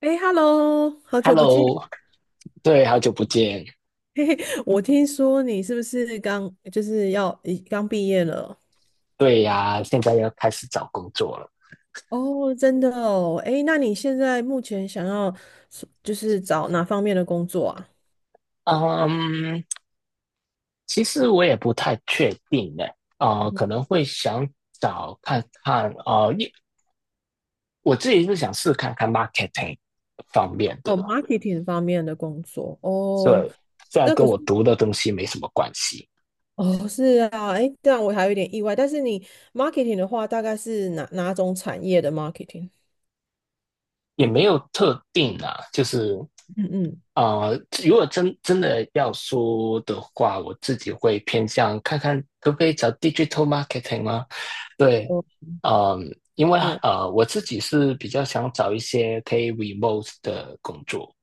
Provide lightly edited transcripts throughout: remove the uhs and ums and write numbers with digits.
哎，Hello，好久不见。Hello，对，好久不见。嘿嘿，我听说你是不是刚就是要已刚毕业了？对呀，现在要开始找工作了。哦，真的哦。哎，那你现在目前想要找哪方面的工作啊？嗯，其实我也不太确定呢。可能会想找看看，我自己是想试看看 marketing 方面的。哦，marketing 方面的工作。哦，对，虽然那跟可是我读的东西没什么关系，哦，是啊。哎，这样我还有点意外。但是你 marketing 的话，大概是哪种产业的 marketing？也没有特定啊。嗯嗯，啊，如果真的要说的话，我自己会偏向看看可不可以找 digital marketing 吗？对，哦，嗯，因为是。我自己是比较想找一些可以 remote 的工作，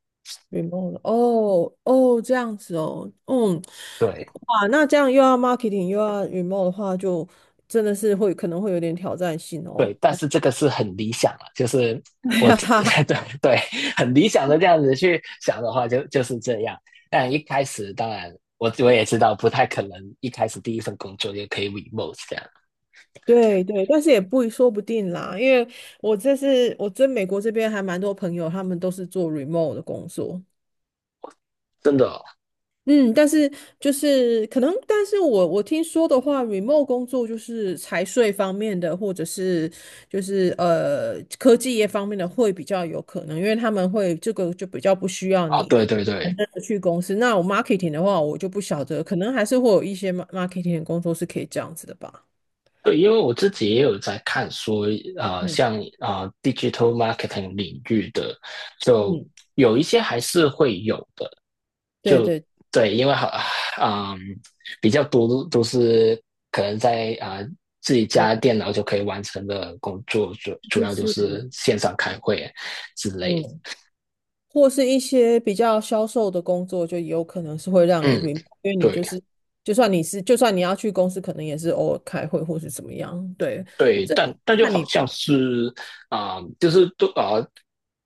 remote 哦哦，这样子哦，嗯，对哇，那这样又要 marketing 又要 remote 的话，就真的可能会有点挑战性哦。对，但 是这个是很理想了，就是哎我呀自 哈哈 对对，很理想的这样子去想的话就，就是这样。但一开始当然，我也知道不太可能一开始第一份工作就可以 remote 这样，对对，但是也不说不定啦，因为我在美国这边还蛮多朋友，他们都是做 remote 的工作。真的嗯，但是就是可能，但是我听说的话，remote 工作就是财税方面的，或者是就是科技业方面的会比较有可能，因为他们会这个就比较不需要啊，哦你对对真对，的去公司。那我 marketing 的话，我就不晓得，可能还是会有一些 marketing 的工作是可以这样子的吧。对，因为我自己也有在看说，呃，嗯像 digital marketing 领域的，就嗯，有一些还是会有的，对就对对，因为好，嗯，比较多都是可能在自己对，家电脑就可以完成的工作，主主就要就是是线上开会之类嗯。或是一些比较销售的工作，就有可能是会让的。你 嗯，因为你就对。是，就算你要去公司，可能也是偶尔开会或是怎么样。对，对，这但但就看好你，像是啊、呃就是都啊、呃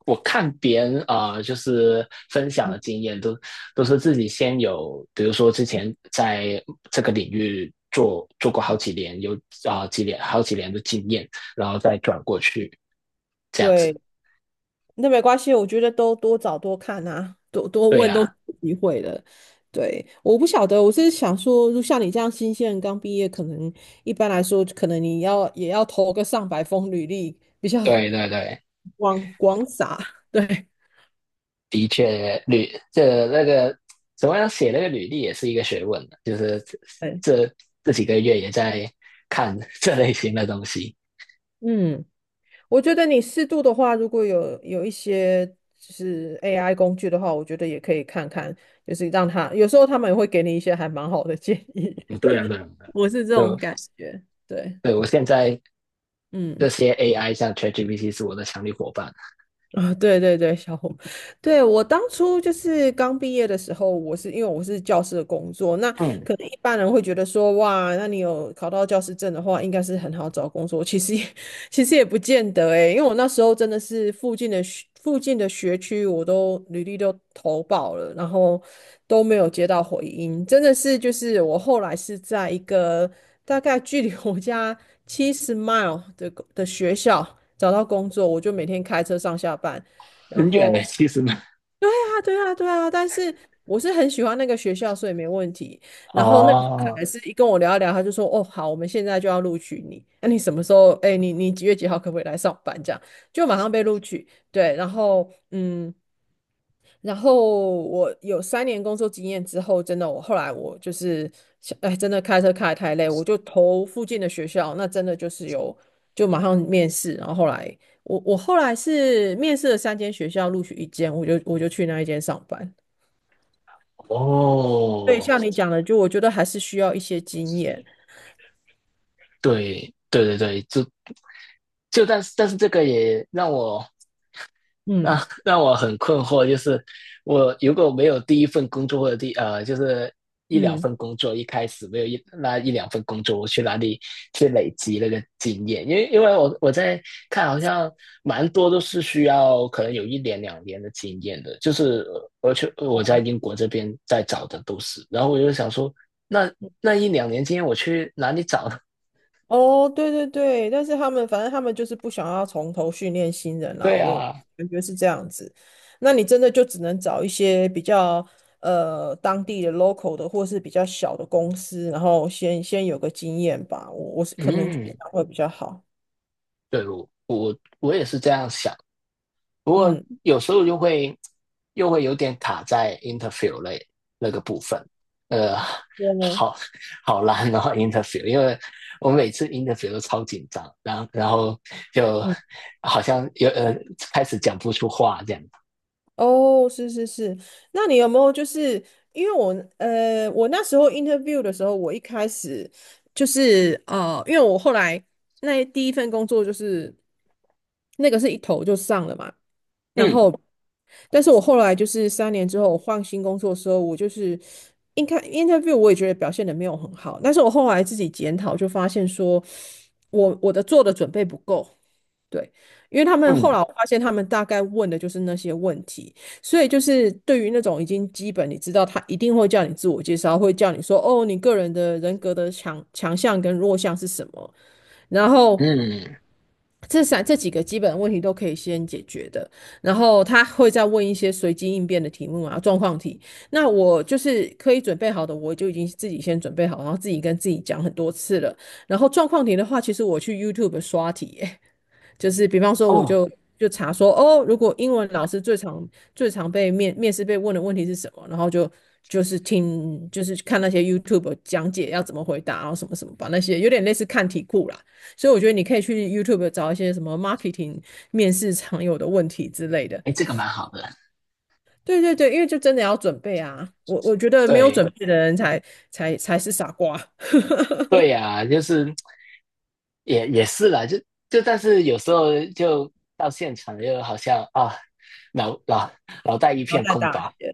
我看别人就是分享嗯的经验都都是自己先有，比如说之前在这个领域做过好几年，有啊、呃几年好几年的经验，然后再转过去这样子。对，那没关系，我觉得都多找多看啊，多多对问呀、都是啊有机会的。对，我不晓得，我是想说，就像你这样新鲜人刚毕业，可能一般来说，可能你要也要投个上百封履历，比较 对对对，广撒。对，的确，履这那个怎么样写那个履历也是一个学问的，就是对，这这几个月也在看 这类型的东西。嗯。我觉得你适度的话，如果有一些就是 AI 工具的话，我觉得也可以看看，就是让它有时候他们也会给你一些还蛮好的建议，嗯对啊，对啊，我是这对啊就种感觉。对，对我现在这嗯，些 AI 像 ChatGPT 是我的强力伙伴。啊，对对对，小红，对我当初就是刚毕业的时候，因为我是教师的工作，那嗯，可能一般人会觉得说，哇，那你有考到教师证的话，应该是很好找工作，其实也不见得诶，因为我那时候真的是附近的学区，我都履历都投保了，然后都没有接到回音，真的是就是我后来是在一个大概距离我家70 mile 的学校找到工作，我就每天开车上下班，然很远的，后。其实呢。对啊，对啊，对啊，但是我是很喜欢那个学校，所以没问题。然后那个小哦，孩是一跟我聊一聊，他就说：“哦，好，我们现在就要录取你。那你什么时候？哎，你几月几号可不可以来上班？”这样就马上被录取。对，然后嗯，然后我有三年工作经验之后，真的我后来我就是哎，真的开车开得太累，我就投附近的学校，那真的就是有就马上面试。然后后来我后来是面试了3间学校，录取一间，我就去那一间上班。对，哦，像你讲的，就我觉得还是需要一些经验。对，对对对，就但是这个也让我 嗯那让我很困惑，就是我如果没有第一份工作或者第呃，就是一两嗯，份工作，一开始没有那一两份工作，我去哪里去累积那个经验？因为我在看，好像蛮多都是需要可能有一年两年的经验的，就是我在英国这边在找的都是，然后我就想说，那那一两年经验我去哪里找呢 哦，对对对，但是反正他们就是不想要从头训练新人 啦，对我啊，感觉是这样子。那你真的就只能找一些比较当地的 local 的，或是比较小的公司，然后先有个经验吧。我是可能觉得嗯，会比较好。对我也是这样想不过嗯，有时候又会又会有点卡在 interview 类那个部分，呃，我呢？好好难哦 interview，因为我每次 interview 都超紧张，然后就嗯。好像开始讲不出话这样。哦，是是是，那你有没有就是因为我那时候 interview 的时候，我一开始就是啊，因为我后来那第一份工作就是那个是一投就上了嘛，然嗯后但是我后来就是三年之后我换新工作的时候，我就是应该 interview 我也觉得表现的没有很好，但是我后来自己检讨就发现说我的做的准备不够。对，因为他们后嗯来我发现，他们大概问的就是那些问题，所以就是对于那种已经基本你知道，他一定会叫你自我介绍，会叫你说哦，你个人的人格的强项跟弱项是什么，然后嗯，这几个基本问题都可以先解决的，然后他会再问一些随机应变的题目啊，状况题。那我就是可以准备好的，我就已经自己先准备好，然后自己跟自己讲很多次了。然后状况题的话，其实我去 YouTube 刷题。就是比方说，我哦，就就查说，哦，如果英文老师最常被面试被问的问题是什么，然后就是听就是看那些 YouTube 讲解要怎么回答啊，然后什么什么把那些有点类似看题库啦。所以我觉得你可以去 YouTube 找一些什么 marketing 面试常有的问题之类的。哎，这个蛮好的。对对对，因为就真的要准备啊，我觉得没有对准备的人才是傻瓜，对呀、就是也是啦，就但是有时候就到现场又好像脑脑脑袋一然后片再空打白。结。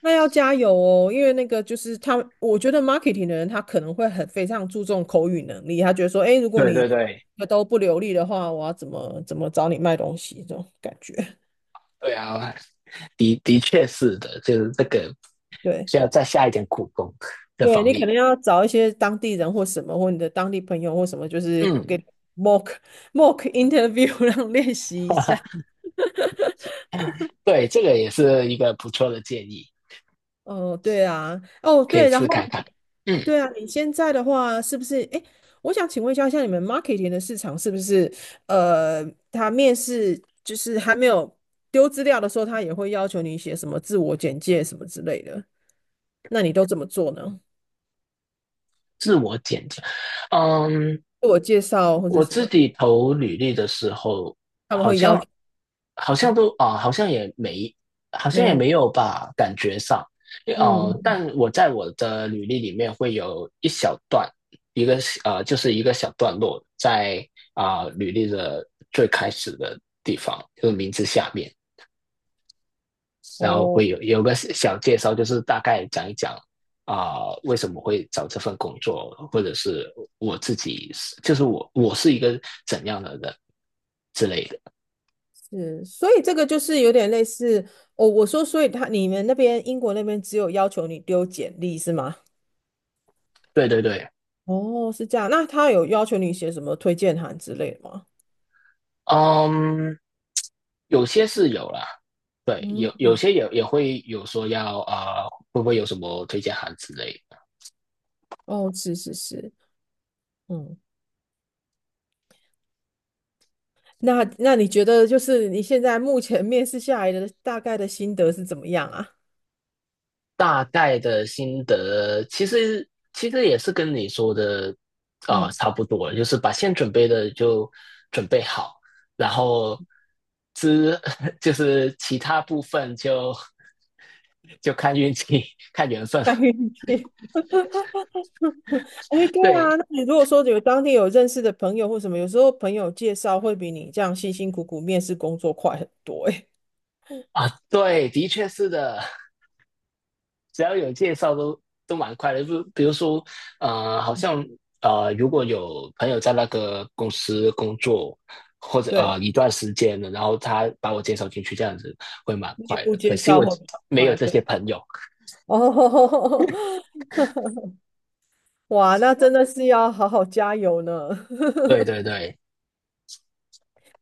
那要加油哦，因为那个就是他，我觉得 marketing 的人他可能会很非常注重口语能力，他觉得说，哎，如果对你对对，都不流利的话，我要怎么找你卖东西这种感觉。对啊，的的确是的，就是这个对，需要再下一点苦功这对方你可面。能要找一些当地人或什么，或你的当地朋友或什么，就是给 嗯，mock mock interview 让练习 一哈下。哈，对，这个也是一个不错的建议，哦，对啊，哦可以对，然试后看看。嗯，对啊，你现在的话是不是？哎，我想请问一下，像你们 marketing 的市场是不是？呃，他面试就是还没有丢资料的时候，他也会要求你写什么自我简介什么之类的，那你都怎么做呢？自我检查，嗯，自我介绍或者我什自么，己投履历的时候，他们好会要求像好像吗都啊、好像也没，好像没也有？没有吧，感觉上，嗯，但我在我的履历里面会有一小段，一个就是一个小段落在履历的最开始的地方，就是名字下面，然后哦，会有个小介绍，就是大概讲一讲为什么会找这份工作，或者是我自己是，就是我是一个怎样的人之类的。是，所以这个就是有点类似哦。我说，所以你们那边英国那边只有要求你丢简历是吗？对对对，哦，是这样。那他有要求你写什么推荐函之类的吗？嗯，有些是有啦，对，嗯，有些也会有说要会不会有什么推荐函之类的。哦，是是是，嗯，那你觉得就是你现在目前面试下来的大概的心得是怎么样啊？大概的心得，其实也是跟你说的 嗯，差不多，就是把先准备的就准备好，然后之 就是其他部分就看运气、看缘分看了。运气。哎，对啊，对那你如果说有当地有认识的朋友或什么，有时候朋友介绍会比你这样辛辛苦苦面试工作快很多、哎，啊，对，的确是的。只要有介绍都都蛮快的。就比如说，呃，好像呃，如果有朋友在那个公司工作或 者对，呃一段时间了，然后他把我介绍进去，这样子会蛮内快部的。可介惜绍我会比较没有快，这对。些朋友。哦，哇，那真的是要好好加油呢。对对对，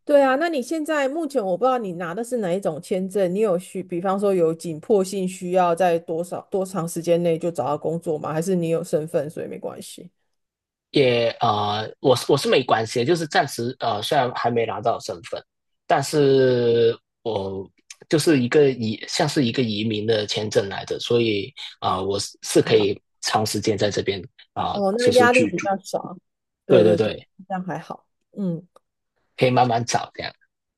对啊，那你现在目前我不知道你拿的是哪一种签证，你有需，比方说有紧迫性需要在多长时间内就找到工作吗？还是你有身份，所以没关系？我是没关系的，就是暂时,虽然还没拿到身份，但是我就是一个移，像是一个移民的签证来的，所以我还可好。以长时间在这边哦，就那是压力居比住。较少。对对对对对，对，这样还好。嗯，可以慢慢找这样。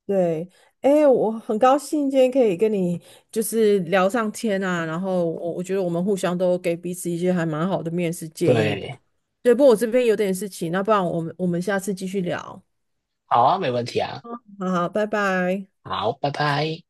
对。哎，我很高兴今天可以跟你就是聊上天啊，然后我觉得我们互相都给彼此一些还蛮好的面试建议的。对，对，不过我这边有点事情，那不然我们下次继续聊。好啊，没问题啊，好好，拜拜。好，拜拜。